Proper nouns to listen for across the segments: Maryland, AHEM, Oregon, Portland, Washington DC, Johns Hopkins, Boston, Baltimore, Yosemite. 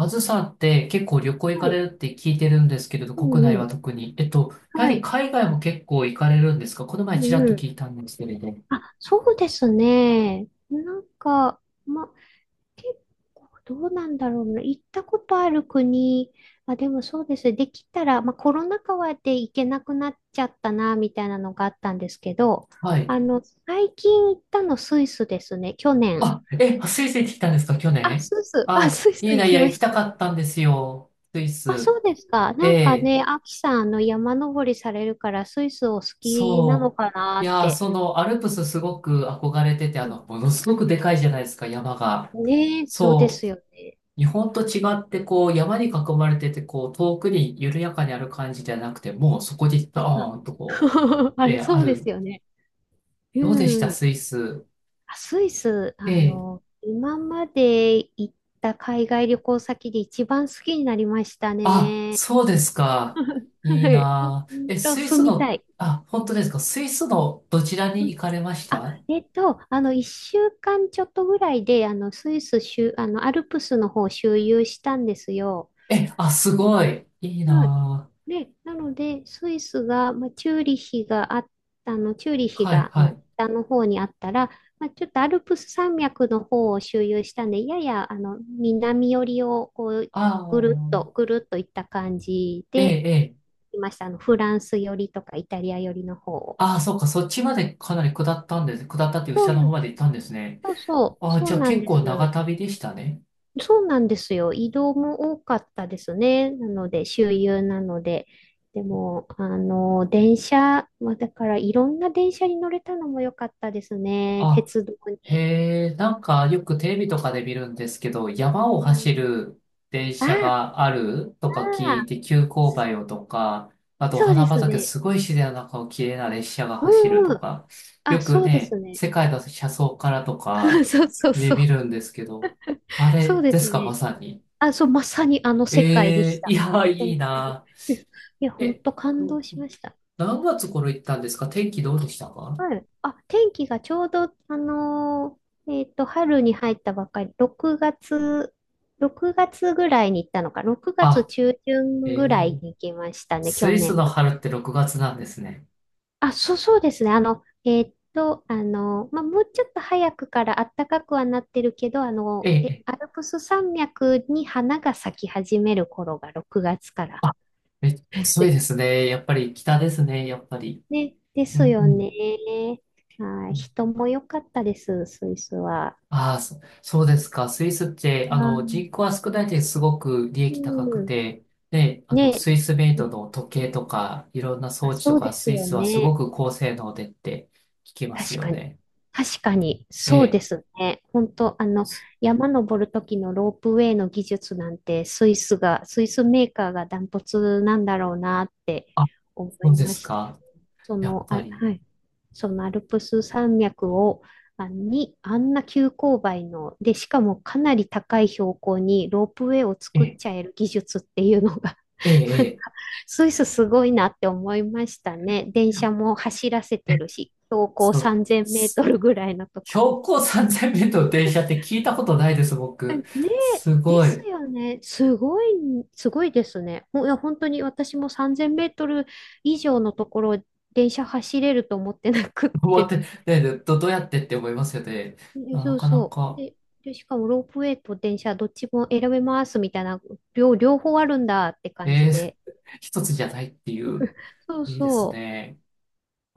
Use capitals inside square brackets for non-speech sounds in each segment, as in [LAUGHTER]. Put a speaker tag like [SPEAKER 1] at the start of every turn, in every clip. [SPEAKER 1] あずさんって結構旅行行か
[SPEAKER 2] は
[SPEAKER 1] れ
[SPEAKER 2] い。
[SPEAKER 1] るって聞いてるんですけれど、
[SPEAKER 2] う
[SPEAKER 1] 国内
[SPEAKER 2] んう
[SPEAKER 1] は
[SPEAKER 2] ん。
[SPEAKER 1] 特に。やは
[SPEAKER 2] は
[SPEAKER 1] り
[SPEAKER 2] い。
[SPEAKER 1] 海外も結構行かれるんですか？この
[SPEAKER 2] う
[SPEAKER 1] 前ちら
[SPEAKER 2] ん
[SPEAKER 1] っと
[SPEAKER 2] う
[SPEAKER 1] 聞い
[SPEAKER 2] ん。
[SPEAKER 1] たんですけれど。
[SPEAKER 2] あ、そうですね。ま、結構どうなんだろうな。行ったことある国、あ、でもそうです。できたら、コロナ禍で行けなくなっちゃったな、みたいなのがあったんですけど、
[SPEAKER 1] はい。
[SPEAKER 2] 最近行ったのスイスですね。去年。
[SPEAKER 1] あ、え、スイス行ってきたんですか？去
[SPEAKER 2] あ、
[SPEAKER 1] 年？
[SPEAKER 2] スイス。あ、
[SPEAKER 1] あ、
[SPEAKER 2] スイス
[SPEAKER 1] いい
[SPEAKER 2] 行
[SPEAKER 1] な、い
[SPEAKER 2] き
[SPEAKER 1] や、
[SPEAKER 2] ま
[SPEAKER 1] 行き
[SPEAKER 2] し
[SPEAKER 1] た
[SPEAKER 2] た。
[SPEAKER 1] かったんですよ。スイ
[SPEAKER 2] あ、
[SPEAKER 1] ス。
[SPEAKER 2] そうですか。
[SPEAKER 1] え
[SPEAKER 2] なんか
[SPEAKER 1] え、
[SPEAKER 2] ね、アキさん、山登りされるから、スイスお好きなの
[SPEAKER 1] そ
[SPEAKER 2] かな
[SPEAKER 1] う。い
[SPEAKER 2] っ
[SPEAKER 1] やー、
[SPEAKER 2] て。
[SPEAKER 1] その、アルプスすごく憧れてて、ものすごくでかいじゃないですか、山が。
[SPEAKER 2] ねえ、そう
[SPEAKER 1] そ
[SPEAKER 2] です
[SPEAKER 1] う。
[SPEAKER 2] よね。
[SPEAKER 1] 日本と違って、こう、山に囲まれてて、こう、遠くに緩やかにある感じじゃなくて、もうそこにド
[SPEAKER 2] あ、
[SPEAKER 1] ーンとこ
[SPEAKER 2] [LAUGHS] あ
[SPEAKER 1] う、
[SPEAKER 2] れ、そ
[SPEAKER 1] あ
[SPEAKER 2] うです
[SPEAKER 1] る。
[SPEAKER 2] よね。
[SPEAKER 1] どうでした、
[SPEAKER 2] うん。
[SPEAKER 1] スイス。
[SPEAKER 2] あスイス、
[SPEAKER 1] ええ。
[SPEAKER 2] 今まで行った海外旅行先で一番好きになりました
[SPEAKER 1] あ、
[SPEAKER 2] ね。
[SPEAKER 1] そうですか。いい
[SPEAKER 2] はい。ほ
[SPEAKER 1] なあ。
[SPEAKER 2] ん
[SPEAKER 1] え、
[SPEAKER 2] と、
[SPEAKER 1] スイス
[SPEAKER 2] 住みた
[SPEAKER 1] の、
[SPEAKER 2] い。
[SPEAKER 1] あ、本当ですか。スイスのどちら
[SPEAKER 2] う
[SPEAKER 1] に
[SPEAKER 2] ん。
[SPEAKER 1] 行かれまし
[SPEAKER 2] あ、
[SPEAKER 1] た？
[SPEAKER 2] 一週間ちょっとぐらいで、あの、スイス周、あの、アルプスの方を周遊したんですよ。
[SPEAKER 1] え、あ、すごい。いい
[SPEAKER 2] はい。
[SPEAKER 1] な
[SPEAKER 2] で、なので、スイスが、チューリ
[SPEAKER 1] あ。
[SPEAKER 2] ヒ
[SPEAKER 1] はい、
[SPEAKER 2] が、
[SPEAKER 1] はい。
[SPEAKER 2] 北の方にあったら、ちょっとアルプス山脈の方を周遊したんで、やや、南寄りを、
[SPEAKER 1] ああ、
[SPEAKER 2] ぐるっといった感じ
[SPEAKER 1] ええ、
[SPEAKER 2] で、
[SPEAKER 1] ええ。
[SPEAKER 2] いました。フランス寄りとか、イタリア寄りの方を。
[SPEAKER 1] ああ、そっか。そっちまでかなり下ったんです。下ったっていう下の方まで行ったんですね。
[SPEAKER 2] そうそう、
[SPEAKER 1] ああ、
[SPEAKER 2] そ
[SPEAKER 1] じゃ
[SPEAKER 2] う
[SPEAKER 1] あ
[SPEAKER 2] なん
[SPEAKER 1] 結
[SPEAKER 2] で
[SPEAKER 1] 構長
[SPEAKER 2] す。
[SPEAKER 1] 旅でしたね。
[SPEAKER 2] そうなんですよ。移動も多かったですね。なので、周遊なので。でも、あの、電車、まあ、だからいろんな電車に乗れたのも良かったですね。
[SPEAKER 1] あ、
[SPEAKER 2] 鉄道に。
[SPEAKER 1] へえ、なんかよくテレビとかで見るんですけど、山を
[SPEAKER 2] うん、
[SPEAKER 1] 走る電
[SPEAKER 2] あ
[SPEAKER 1] 車
[SPEAKER 2] あ、
[SPEAKER 1] があるとか聞い
[SPEAKER 2] ああ、
[SPEAKER 1] て、急勾配をとか、あとお
[SPEAKER 2] そうで
[SPEAKER 1] 花
[SPEAKER 2] す
[SPEAKER 1] 畑、
[SPEAKER 2] ね。
[SPEAKER 1] すごい自然の中を綺麗な列車が
[SPEAKER 2] う
[SPEAKER 1] 走る
[SPEAKER 2] んう
[SPEAKER 1] と
[SPEAKER 2] ん。
[SPEAKER 1] か、
[SPEAKER 2] あ、
[SPEAKER 1] よく
[SPEAKER 2] そうで
[SPEAKER 1] ね、
[SPEAKER 2] すね。
[SPEAKER 1] 世界の車窓からと
[SPEAKER 2] [LAUGHS]
[SPEAKER 1] か
[SPEAKER 2] そうそう
[SPEAKER 1] 見
[SPEAKER 2] そ
[SPEAKER 1] 見
[SPEAKER 2] う。
[SPEAKER 1] るんですけど、あ
[SPEAKER 2] そ
[SPEAKER 1] れ
[SPEAKER 2] うで
[SPEAKER 1] で
[SPEAKER 2] す
[SPEAKER 1] すか、ま
[SPEAKER 2] ね。
[SPEAKER 1] さに。
[SPEAKER 2] あ、そう、まさにあの世界でし
[SPEAKER 1] ええ、い
[SPEAKER 2] た。
[SPEAKER 1] や、い
[SPEAKER 2] 本
[SPEAKER 1] い
[SPEAKER 2] 当に。
[SPEAKER 1] な。
[SPEAKER 2] [LAUGHS] いや、本
[SPEAKER 1] え、
[SPEAKER 2] 当感動しました。
[SPEAKER 1] 何月頃行ったんですか？天気どうでしたか？
[SPEAKER 2] はい。あ、天気がちょうど、春に入ったばっかり、6月、6月ぐらいに行ったのか、6月
[SPEAKER 1] あ、
[SPEAKER 2] 中旬
[SPEAKER 1] え
[SPEAKER 2] ぐらい
[SPEAKER 1] ー
[SPEAKER 2] に行きましたね、
[SPEAKER 1] ス
[SPEAKER 2] 去
[SPEAKER 1] イス
[SPEAKER 2] 年
[SPEAKER 1] の
[SPEAKER 2] の。
[SPEAKER 1] 春って6月なんですね。
[SPEAKER 2] あ、そうそうですね。もうちょっと早くから暖かくはなってるけど、
[SPEAKER 1] ええ、ええ
[SPEAKER 2] アルプス山脈に花が咲き始める頃が6月から。
[SPEAKER 1] あ、めっちゃ強いです
[SPEAKER 2] [LAUGHS]
[SPEAKER 1] ね。やっぱり北ですね、やっぱり。
[SPEAKER 2] ね、で
[SPEAKER 1] う
[SPEAKER 2] す
[SPEAKER 1] ん、う
[SPEAKER 2] よ
[SPEAKER 1] ん。
[SPEAKER 2] ね。は
[SPEAKER 1] う
[SPEAKER 2] い、
[SPEAKER 1] ん、
[SPEAKER 2] 人も良かったです、スイスは。
[SPEAKER 1] ああ、そ、そうですか。スイスって、
[SPEAKER 2] はい、
[SPEAKER 1] 人口は少ないですごく利
[SPEAKER 2] う
[SPEAKER 1] 益高く
[SPEAKER 2] ん。
[SPEAKER 1] て、で、
[SPEAKER 2] ね
[SPEAKER 1] スイスメイ
[SPEAKER 2] え。
[SPEAKER 1] ド
[SPEAKER 2] ね、
[SPEAKER 1] の時計とか、いろんな装
[SPEAKER 2] あ、
[SPEAKER 1] 置
[SPEAKER 2] そ
[SPEAKER 1] と
[SPEAKER 2] う
[SPEAKER 1] か、
[SPEAKER 2] です
[SPEAKER 1] スイ
[SPEAKER 2] よ
[SPEAKER 1] スはすご
[SPEAKER 2] ね。
[SPEAKER 1] く高性能でって聞きます
[SPEAKER 2] 確
[SPEAKER 1] よ
[SPEAKER 2] かに。
[SPEAKER 1] ね。
[SPEAKER 2] 確かに。
[SPEAKER 1] え
[SPEAKER 2] そうで
[SPEAKER 1] え。
[SPEAKER 2] すね。本当、山登る時のロープウェイの技術なんて、スイスメーカーがダントツなんだろうなって
[SPEAKER 1] あ、
[SPEAKER 2] 思
[SPEAKER 1] そ
[SPEAKER 2] い
[SPEAKER 1] うで
[SPEAKER 2] ま
[SPEAKER 1] す
[SPEAKER 2] した。
[SPEAKER 1] か。
[SPEAKER 2] そ
[SPEAKER 1] やっ
[SPEAKER 2] の、
[SPEAKER 1] ぱ
[SPEAKER 2] あ、
[SPEAKER 1] り。
[SPEAKER 2] はい。そのアルプス山脈を、あ、に、あんな急勾配の、で、しかもかなり高い標高にロープウェイを
[SPEAKER 1] え
[SPEAKER 2] 作っ
[SPEAKER 1] え、
[SPEAKER 2] ちゃえる技術っていうのが
[SPEAKER 1] え
[SPEAKER 2] [LAUGHS] なんか、
[SPEAKER 1] え、
[SPEAKER 2] スイスすごいなって思いましたね。電車
[SPEAKER 1] え
[SPEAKER 2] も走らせ
[SPEAKER 1] え。
[SPEAKER 2] て
[SPEAKER 1] え、
[SPEAKER 2] るし、標高
[SPEAKER 1] その、
[SPEAKER 2] 3000メート
[SPEAKER 1] す
[SPEAKER 2] ルぐらいのところに。
[SPEAKER 1] 標高3000メートルの電車って聞いたことないです、僕。
[SPEAKER 2] ねえ、
[SPEAKER 1] す
[SPEAKER 2] で
[SPEAKER 1] ご
[SPEAKER 2] す
[SPEAKER 1] い。
[SPEAKER 2] よね。すごい、すごいですね。ほいや、本当に私も3000メートル以上のところ、電車走れると思ってなくっ
[SPEAKER 1] 思っ
[SPEAKER 2] て、
[SPEAKER 1] て、ねで、ど、どうやってって思いますよね。
[SPEAKER 2] で、
[SPEAKER 1] な
[SPEAKER 2] そ
[SPEAKER 1] な
[SPEAKER 2] う
[SPEAKER 1] かな
[SPEAKER 2] そう。
[SPEAKER 1] か、
[SPEAKER 2] で、しかもロープウェイと電車どっちも選べますみたいな、両方あるんだって感じ
[SPEAKER 1] えー、
[SPEAKER 2] で。
[SPEAKER 1] [LAUGHS] 一つじゃないっていう、
[SPEAKER 2] そう
[SPEAKER 1] いいです
[SPEAKER 2] そ
[SPEAKER 1] ね。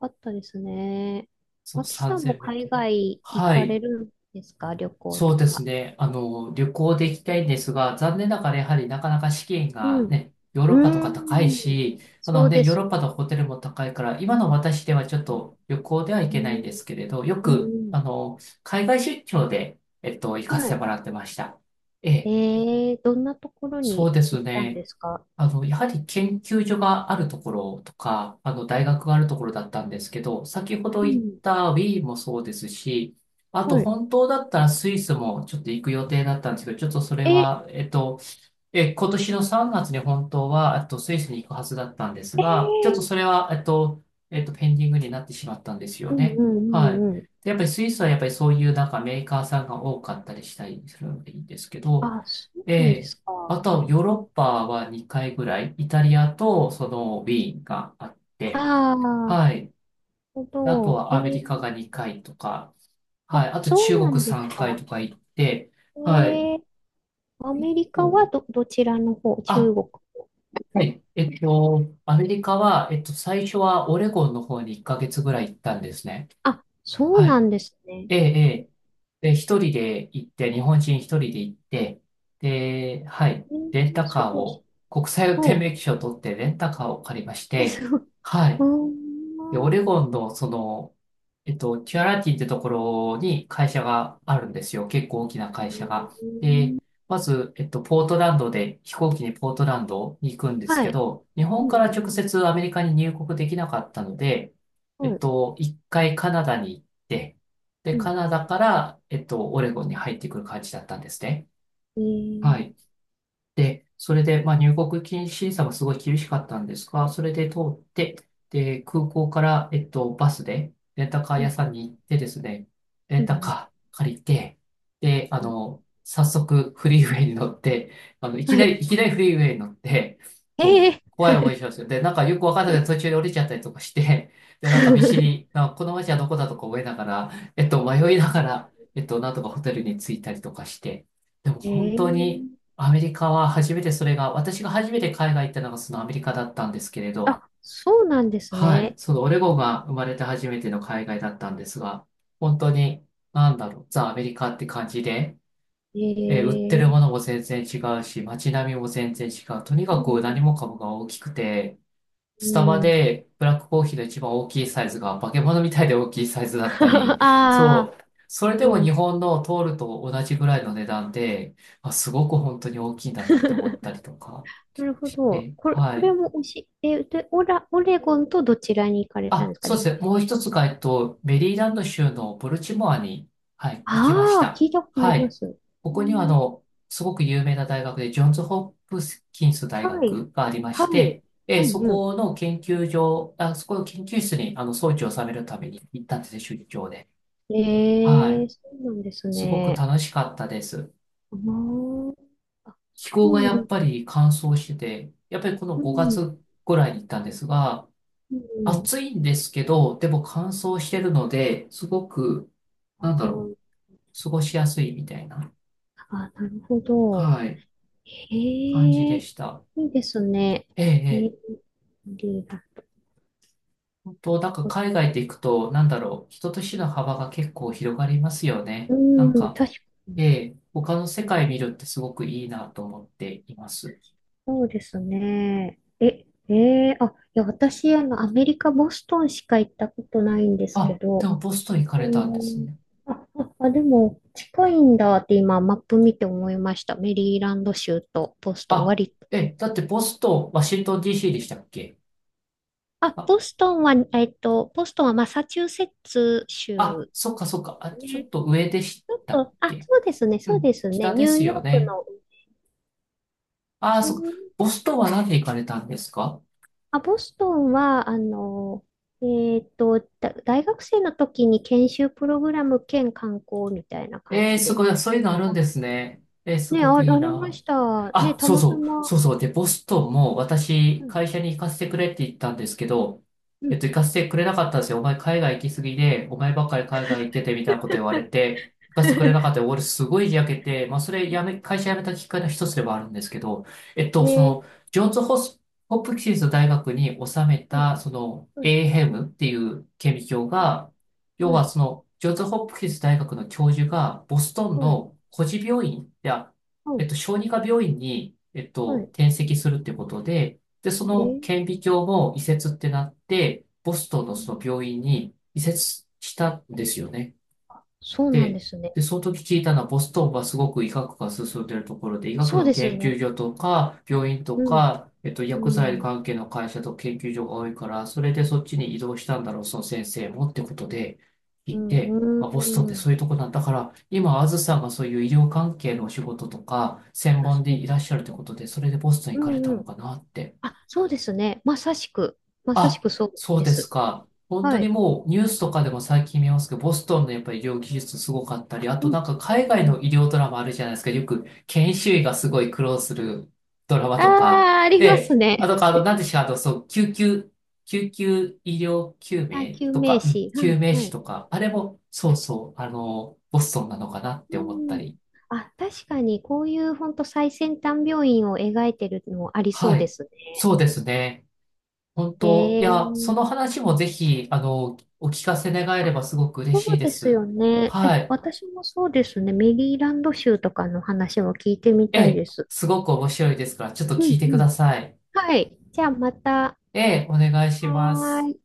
[SPEAKER 2] う。あったですね。
[SPEAKER 1] そう、
[SPEAKER 2] マキ
[SPEAKER 1] 3000
[SPEAKER 2] さんも
[SPEAKER 1] メー
[SPEAKER 2] 海
[SPEAKER 1] トル。
[SPEAKER 2] 外行
[SPEAKER 1] は
[SPEAKER 2] かれ
[SPEAKER 1] い。
[SPEAKER 2] るんですか？旅行
[SPEAKER 1] そ
[SPEAKER 2] と
[SPEAKER 1] うです
[SPEAKER 2] か。
[SPEAKER 1] ね。旅行で行きたいんですが、残念ながらやはりなかなか資金
[SPEAKER 2] う
[SPEAKER 1] が
[SPEAKER 2] ん。
[SPEAKER 1] ね、ヨーロッパと
[SPEAKER 2] うー
[SPEAKER 1] か高い
[SPEAKER 2] ん。
[SPEAKER 1] し、あ
[SPEAKER 2] そ
[SPEAKER 1] の
[SPEAKER 2] う
[SPEAKER 1] ね、
[SPEAKER 2] で
[SPEAKER 1] ヨー
[SPEAKER 2] す
[SPEAKER 1] ロッパのホテルも高いから、今の私ではちょっ
[SPEAKER 2] ね。
[SPEAKER 1] と旅行では行
[SPEAKER 2] う
[SPEAKER 1] けないん
[SPEAKER 2] ん。
[SPEAKER 1] ですけれど、よ
[SPEAKER 2] うん
[SPEAKER 1] く、
[SPEAKER 2] うん。
[SPEAKER 1] 海外出張で、行かせ
[SPEAKER 2] は
[SPEAKER 1] て
[SPEAKER 2] い。
[SPEAKER 1] もらってました。ええ、
[SPEAKER 2] どんなところ
[SPEAKER 1] そう
[SPEAKER 2] に
[SPEAKER 1] です
[SPEAKER 2] 行ったん
[SPEAKER 1] ね。
[SPEAKER 2] ですか？
[SPEAKER 1] やはり研究所があるところとか、大学があるところだったんですけど、先ほど
[SPEAKER 2] う
[SPEAKER 1] 言っ
[SPEAKER 2] ん。
[SPEAKER 1] た Wii もそうですし、あ
[SPEAKER 2] は
[SPEAKER 1] と
[SPEAKER 2] い。
[SPEAKER 1] 本当だったらスイスもちょっと行く予定だったんですけど、ちょっとそれ
[SPEAKER 2] え、え
[SPEAKER 1] は、今年の3月に本当は、スイスに行くはずだったんです
[SPEAKER 2] ー、
[SPEAKER 1] が、ちょっとそれは、ペンディングになってしまったんですよ
[SPEAKER 2] うんう
[SPEAKER 1] ね。
[SPEAKER 2] んう
[SPEAKER 1] はい。
[SPEAKER 2] んうん。
[SPEAKER 1] でやっぱりスイスはやっぱりそういうなんかメーカーさんが多かったりしたりするのでいいんですけど、
[SPEAKER 2] あ、そう
[SPEAKER 1] え
[SPEAKER 2] なんで
[SPEAKER 1] え、
[SPEAKER 2] すか。
[SPEAKER 1] あと、ヨーロッパは2回ぐらい、イタリアとそのウィーンがあって、
[SPEAKER 2] ああ、なる
[SPEAKER 1] はい。
[SPEAKER 2] ほ
[SPEAKER 1] であと
[SPEAKER 2] ど。
[SPEAKER 1] は
[SPEAKER 2] え
[SPEAKER 1] アメリカ
[SPEAKER 2] ー、
[SPEAKER 1] が2回とか、
[SPEAKER 2] あ、
[SPEAKER 1] はい。あと中
[SPEAKER 2] そうな
[SPEAKER 1] 国
[SPEAKER 2] んです
[SPEAKER 1] 3回
[SPEAKER 2] か。
[SPEAKER 1] とか行って、
[SPEAKER 2] え
[SPEAKER 1] はい。
[SPEAKER 2] ー、ア
[SPEAKER 1] 結
[SPEAKER 2] メリカは、
[SPEAKER 1] 構、
[SPEAKER 2] どちらの方、中
[SPEAKER 1] あ、
[SPEAKER 2] 国。
[SPEAKER 1] はい。アメリカは、最初はオレゴンの方に1ヶ月ぐらい行ったんですね。
[SPEAKER 2] あ、そう
[SPEAKER 1] は
[SPEAKER 2] な
[SPEAKER 1] い。
[SPEAKER 2] んですね。
[SPEAKER 1] ええ、ええ。で、一人で行って、日本人一人で行って、で、はい、
[SPEAKER 2] えー、
[SPEAKER 1] レンタ
[SPEAKER 2] そ
[SPEAKER 1] カー
[SPEAKER 2] う、
[SPEAKER 1] を、国際運
[SPEAKER 2] そ
[SPEAKER 1] 転
[SPEAKER 2] う、
[SPEAKER 1] 免許証を取ってレンタカーを借りまし
[SPEAKER 2] え、
[SPEAKER 1] て、
[SPEAKER 2] そう、
[SPEAKER 1] は
[SPEAKER 2] うー
[SPEAKER 1] い、で、オ
[SPEAKER 2] ん、う
[SPEAKER 1] レゴンの、その、キュアラティってところに会社があるんですよ。結構大きな
[SPEAKER 2] ー
[SPEAKER 1] 会社が。
[SPEAKER 2] ん、
[SPEAKER 1] で、まず、ポートランドで、飛行機にポートランドに行くんです
[SPEAKER 2] は
[SPEAKER 1] け
[SPEAKER 2] い、
[SPEAKER 1] ど、日
[SPEAKER 2] う
[SPEAKER 1] 本から
[SPEAKER 2] ん、
[SPEAKER 1] 直接アメリカに入国できなかったので、
[SPEAKER 2] うん、
[SPEAKER 1] 一回カナダに行って、で、
[SPEAKER 2] うん、う
[SPEAKER 1] カ
[SPEAKER 2] ん、
[SPEAKER 1] ナダから、オレゴンに入ってくる感じだったんですね。
[SPEAKER 2] え
[SPEAKER 1] は
[SPEAKER 2] ー、
[SPEAKER 1] い。で、それで、まあ、入国禁止さがすごい厳しかったんですが、それで通って、で、空港から、バスで、レンタカー
[SPEAKER 2] う
[SPEAKER 1] 屋
[SPEAKER 2] ん、
[SPEAKER 1] さんに行ってですね、レ
[SPEAKER 2] う
[SPEAKER 1] ンタ
[SPEAKER 2] ん、
[SPEAKER 1] カー借りて、で、
[SPEAKER 2] うん、
[SPEAKER 1] 早速フリーウェイに乗って、あの、いき
[SPEAKER 2] は
[SPEAKER 1] なり、
[SPEAKER 2] い、
[SPEAKER 1] いきなりフリーウェイに乗って、こう、
[SPEAKER 2] え
[SPEAKER 1] 怖い思いしますよ。で、なんかよくわかんないけど途
[SPEAKER 2] ー、
[SPEAKER 1] 中で降りちゃったりとかして、で、なんか見知り、
[SPEAKER 2] [LAUGHS]
[SPEAKER 1] なんかこの街はどこだとか覚えながら、迷いながら、なんとかホテルに着いたりとかして、でも
[SPEAKER 2] え
[SPEAKER 1] 本当に、
[SPEAKER 2] ー、
[SPEAKER 1] アメリカは初めてそれが、私が初めて海外行ったのがそのアメリカだったんですけれど、
[SPEAKER 2] あ、そうなんです
[SPEAKER 1] はい、
[SPEAKER 2] ね。
[SPEAKER 1] そのオレゴンが生まれて初めての海外だったんですが、本当に、なんだろう、ザ・アメリカって感じで、売って
[SPEAKER 2] え
[SPEAKER 1] るもの
[SPEAKER 2] ー、
[SPEAKER 1] も全然違うし、街並みも全然違う。とに
[SPEAKER 2] う
[SPEAKER 1] かく何
[SPEAKER 2] ん
[SPEAKER 1] もかもが大きくて、
[SPEAKER 2] う
[SPEAKER 1] スタバ
[SPEAKER 2] ん。
[SPEAKER 1] でブラックコーヒーの一番大きいサイズが化け物みたいで大きいサイズだったり、
[SPEAKER 2] [LAUGHS] ああ、
[SPEAKER 1] そう、それで
[SPEAKER 2] う
[SPEAKER 1] も日
[SPEAKER 2] ん。
[SPEAKER 1] 本の通ると同じぐらいの値段で、まあ、すごく本当に大きいんだなって思った
[SPEAKER 2] [LAUGHS]
[SPEAKER 1] りとか。
[SPEAKER 2] なるほど。
[SPEAKER 1] え、
[SPEAKER 2] こ
[SPEAKER 1] は
[SPEAKER 2] れ
[SPEAKER 1] い。
[SPEAKER 2] も美味しい。え、で、オレゴンとどちらに行かれたん
[SPEAKER 1] あ、
[SPEAKER 2] ですか、
[SPEAKER 1] そうです
[SPEAKER 2] 2
[SPEAKER 1] ね。
[SPEAKER 2] 回
[SPEAKER 1] もう
[SPEAKER 2] 目。
[SPEAKER 1] 一つが、メリーランド州のボルチモアに、はい、行きまし
[SPEAKER 2] ああ、聞
[SPEAKER 1] た。
[SPEAKER 2] いたことあ
[SPEAKER 1] は
[SPEAKER 2] りま
[SPEAKER 1] い。
[SPEAKER 2] す。
[SPEAKER 1] こ
[SPEAKER 2] う
[SPEAKER 1] こには、
[SPEAKER 2] ん、
[SPEAKER 1] すごく有名な大学で、ジョンズ・ホップキンス大
[SPEAKER 2] はい。
[SPEAKER 1] 学がありま
[SPEAKER 2] は
[SPEAKER 1] し
[SPEAKER 2] い。
[SPEAKER 1] て、
[SPEAKER 2] う
[SPEAKER 1] そ
[SPEAKER 2] んうん。
[SPEAKER 1] この研究所、あ、そこの研究室に、装置を収めるために行ったんですね、出張で。は
[SPEAKER 2] ええ、
[SPEAKER 1] い。
[SPEAKER 2] そうなんです
[SPEAKER 1] すごく
[SPEAKER 2] ね。
[SPEAKER 1] 楽しかったです。
[SPEAKER 2] あー、あ、
[SPEAKER 1] 気候
[SPEAKER 2] そう
[SPEAKER 1] が
[SPEAKER 2] な
[SPEAKER 1] やっ
[SPEAKER 2] ん、
[SPEAKER 1] ぱり乾燥してて、やっぱりこの
[SPEAKER 2] う
[SPEAKER 1] 5
[SPEAKER 2] ん、
[SPEAKER 1] 月ぐらいに行ったんですが、
[SPEAKER 2] うん。
[SPEAKER 1] 暑いんですけど、でも乾燥してるので、すごく、
[SPEAKER 2] あ
[SPEAKER 1] なんだろう、
[SPEAKER 2] ー、
[SPEAKER 1] 過ごしやすいみたいな、
[SPEAKER 2] あ、なるほど。
[SPEAKER 1] はい、
[SPEAKER 2] へえ、
[SPEAKER 1] 感じで
[SPEAKER 2] い
[SPEAKER 1] した。
[SPEAKER 2] いですね。
[SPEAKER 1] ええ、え
[SPEAKER 2] えー、
[SPEAKER 1] え。
[SPEAKER 2] リーダー。
[SPEAKER 1] 本当、なんか海外で行くと、なんだろう、人と死の幅が結構広がりますよ
[SPEAKER 2] う
[SPEAKER 1] ね。なん
[SPEAKER 2] ん、
[SPEAKER 1] か、
[SPEAKER 2] 確か
[SPEAKER 1] え
[SPEAKER 2] に。
[SPEAKER 1] え、他の世界見るってすごくいいなと思っています。
[SPEAKER 2] そうですね。え、えー、あ、いや、私、アメリカ、ボストンしか行ったことないんですけ
[SPEAKER 1] あ、で
[SPEAKER 2] ど、
[SPEAKER 1] もボストン行か
[SPEAKER 2] う
[SPEAKER 1] れたんです
[SPEAKER 2] ん、
[SPEAKER 1] ね。
[SPEAKER 2] あ、あ、あでも、近いんだって今、マップ見て思いました。メリーランド州とボストン、
[SPEAKER 1] あ、
[SPEAKER 2] 割と。
[SPEAKER 1] えだってボストン、ワシントン DC でしたっけ？あ、
[SPEAKER 2] ボストンはマサチューセッツ
[SPEAKER 1] あ、
[SPEAKER 2] 州
[SPEAKER 1] そっかそっか、あ、ちょ
[SPEAKER 2] ね。
[SPEAKER 1] っと上でし
[SPEAKER 2] ちょっ
[SPEAKER 1] たっ
[SPEAKER 2] と、あ、
[SPEAKER 1] け？
[SPEAKER 2] そうですね、
[SPEAKER 1] う
[SPEAKER 2] そう
[SPEAKER 1] ん、
[SPEAKER 2] ですね。
[SPEAKER 1] 北
[SPEAKER 2] ニ
[SPEAKER 1] で
[SPEAKER 2] ュー
[SPEAKER 1] す
[SPEAKER 2] ヨ
[SPEAKER 1] よ
[SPEAKER 2] ーク
[SPEAKER 1] ね。
[SPEAKER 2] の、
[SPEAKER 1] ああ、
[SPEAKER 2] ニュー
[SPEAKER 1] そっか。
[SPEAKER 2] ヨ
[SPEAKER 1] ボストンは何で行かれたんですか？
[SPEAKER 2] あ、ボストンは、大学生の時に研修プログラム兼観光みたいな感
[SPEAKER 1] ええー、
[SPEAKER 2] じ
[SPEAKER 1] す
[SPEAKER 2] で
[SPEAKER 1] ごい、そういうの
[SPEAKER 2] 行
[SPEAKER 1] あ
[SPEAKER 2] っ
[SPEAKER 1] る
[SPEAKER 2] た。
[SPEAKER 1] ん
[SPEAKER 2] あ、
[SPEAKER 1] ですね。えー、す
[SPEAKER 2] ね、
[SPEAKER 1] ごく
[SPEAKER 2] あり
[SPEAKER 1] いい
[SPEAKER 2] ま
[SPEAKER 1] な。
[SPEAKER 2] した。ね、
[SPEAKER 1] あ、
[SPEAKER 2] た
[SPEAKER 1] そう
[SPEAKER 2] また
[SPEAKER 1] そう、
[SPEAKER 2] ま。
[SPEAKER 1] そうそう。で、ボストンも
[SPEAKER 2] う
[SPEAKER 1] 私、
[SPEAKER 2] ん、
[SPEAKER 1] 会社に行かせてくれって言ったんですけど、
[SPEAKER 2] うん。
[SPEAKER 1] 行かせてくれなかったんですよ。お前海外行きすぎで、お前ばっかり海外行っててみたいなこと言われて、行かせてくれなかったよ。俺すごい焼けて、まあ、それやめ、会社辞めたきっかけの一つではあるんですけど、えっ
[SPEAKER 2] [LAUGHS]
[SPEAKER 1] と、そ
[SPEAKER 2] えー、
[SPEAKER 1] の、ジョンズホス・ホプキンス大学に収め
[SPEAKER 2] はい、
[SPEAKER 1] た、その、
[SPEAKER 2] はい、
[SPEAKER 1] エーヘムっていう顕微鏡
[SPEAKER 2] はい、
[SPEAKER 1] が、要
[SPEAKER 2] はい、
[SPEAKER 1] はその、ジョンズ・ホプキンス大学の教授が、ボストンの孤児病院、
[SPEAKER 2] はい、
[SPEAKER 1] 小児科病院に、
[SPEAKER 2] はい、
[SPEAKER 1] 転籍するってことで、で、そ
[SPEAKER 2] え
[SPEAKER 1] の
[SPEAKER 2] ー、
[SPEAKER 1] 顕微鏡も移設ってなって、ボストンの
[SPEAKER 2] うん、
[SPEAKER 1] その病院に移設したんですよね。
[SPEAKER 2] そうなんで
[SPEAKER 1] で、
[SPEAKER 2] すね。
[SPEAKER 1] で、その時聞いたのは、ボストンはすごく医学が進んでいるところで、医学
[SPEAKER 2] そう
[SPEAKER 1] の
[SPEAKER 2] です
[SPEAKER 1] 研
[SPEAKER 2] ね。
[SPEAKER 1] 究所とか、病院と
[SPEAKER 2] うん、
[SPEAKER 1] か、
[SPEAKER 2] う
[SPEAKER 1] 薬剤
[SPEAKER 2] ん、
[SPEAKER 1] 関係の会社と研究所が多いから、それでそっちに移動したんだろう、その先生もってことで聞
[SPEAKER 2] う
[SPEAKER 1] い
[SPEAKER 2] ん、
[SPEAKER 1] て、あ、ボストンっ
[SPEAKER 2] う
[SPEAKER 1] て
[SPEAKER 2] ん。
[SPEAKER 1] そういうとこなんだから、今、あずさんがそういう医療関係のお仕事とか、専
[SPEAKER 2] あ、そ
[SPEAKER 1] 門で
[SPEAKER 2] う。
[SPEAKER 1] いらっしゃるってことで、それでボストン行
[SPEAKER 2] う
[SPEAKER 1] かれ
[SPEAKER 2] ん、
[SPEAKER 1] た
[SPEAKER 2] う
[SPEAKER 1] の
[SPEAKER 2] ん。
[SPEAKER 1] かなって。
[SPEAKER 2] あ、そうですね。まさし
[SPEAKER 1] あ、
[SPEAKER 2] くそう
[SPEAKER 1] そう
[SPEAKER 2] で
[SPEAKER 1] です
[SPEAKER 2] す。
[SPEAKER 1] か。本当
[SPEAKER 2] は
[SPEAKER 1] に
[SPEAKER 2] い。
[SPEAKER 1] もうニュースとかでも最近見ますけど、ボストンのやっぱり医療技術すごかったり、あと
[SPEAKER 2] う
[SPEAKER 1] な
[SPEAKER 2] ん。
[SPEAKER 1] んか
[SPEAKER 2] う
[SPEAKER 1] 海外の
[SPEAKER 2] ん。
[SPEAKER 1] 医療ドラマあるじゃないですか。よく研修医がすごい苦労するドラマ
[SPEAKER 2] あ
[SPEAKER 1] とか。
[SPEAKER 2] あ、あり
[SPEAKER 1] え
[SPEAKER 2] ます
[SPEAKER 1] え。あ
[SPEAKER 2] ね。
[SPEAKER 1] とか、なんでしょう、そう、救急医療救
[SPEAKER 2] あ、
[SPEAKER 1] 命
[SPEAKER 2] 救
[SPEAKER 1] と
[SPEAKER 2] 命
[SPEAKER 1] か、うん
[SPEAKER 2] 士。は
[SPEAKER 1] 救命
[SPEAKER 2] い。は
[SPEAKER 1] 士
[SPEAKER 2] い。
[SPEAKER 1] とか、あれも、そうそう、ボストンなのかなっ
[SPEAKER 2] う
[SPEAKER 1] て思った
[SPEAKER 2] ん。
[SPEAKER 1] り。
[SPEAKER 2] あ、確かに、こういう本当最先端病院を描いてるのありそ
[SPEAKER 1] は
[SPEAKER 2] うで
[SPEAKER 1] い。
[SPEAKER 2] すね。
[SPEAKER 1] そうですね。本
[SPEAKER 2] え
[SPEAKER 1] 当、いや、その
[SPEAKER 2] え、
[SPEAKER 1] 話もぜひ、お聞かせ願えればすごく
[SPEAKER 2] そ
[SPEAKER 1] 嬉
[SPEAKER 2] う
[SPEAKER 1] しいで
[SPEAKER 2] です
[SPEAKER 1] す。
[SPEAKER 2] よね。え、
[SPEAKER 1] はい。
[SPEAKER 2] 私もそうですね。メリーランド州とかの話も聞いてみ
[SPEAKER 1] え
[SPEAKER 2] たい
[SPEAKER 1] え、
[SPEAKER 2] です。
[SPEAKER 1] すごく面白いですから、ちょっと
[SPEAKER 2] う
[SPEAKER 1] 聞い
[SPEAKER 2] ん
[SPEAKER 1] てく
[SPEAKER 2] う
[SPEAKER 1] だ
[SPEAKER 2] ん。
[SPEAKER 1] さい。
[SPEAKER 2] はい。じゃあまた。
[SPEAKER 1] ええ、お願いしま
[SPEAKER 2] はー
[SPEAKER 1] す。
[SPEAKER 2] い。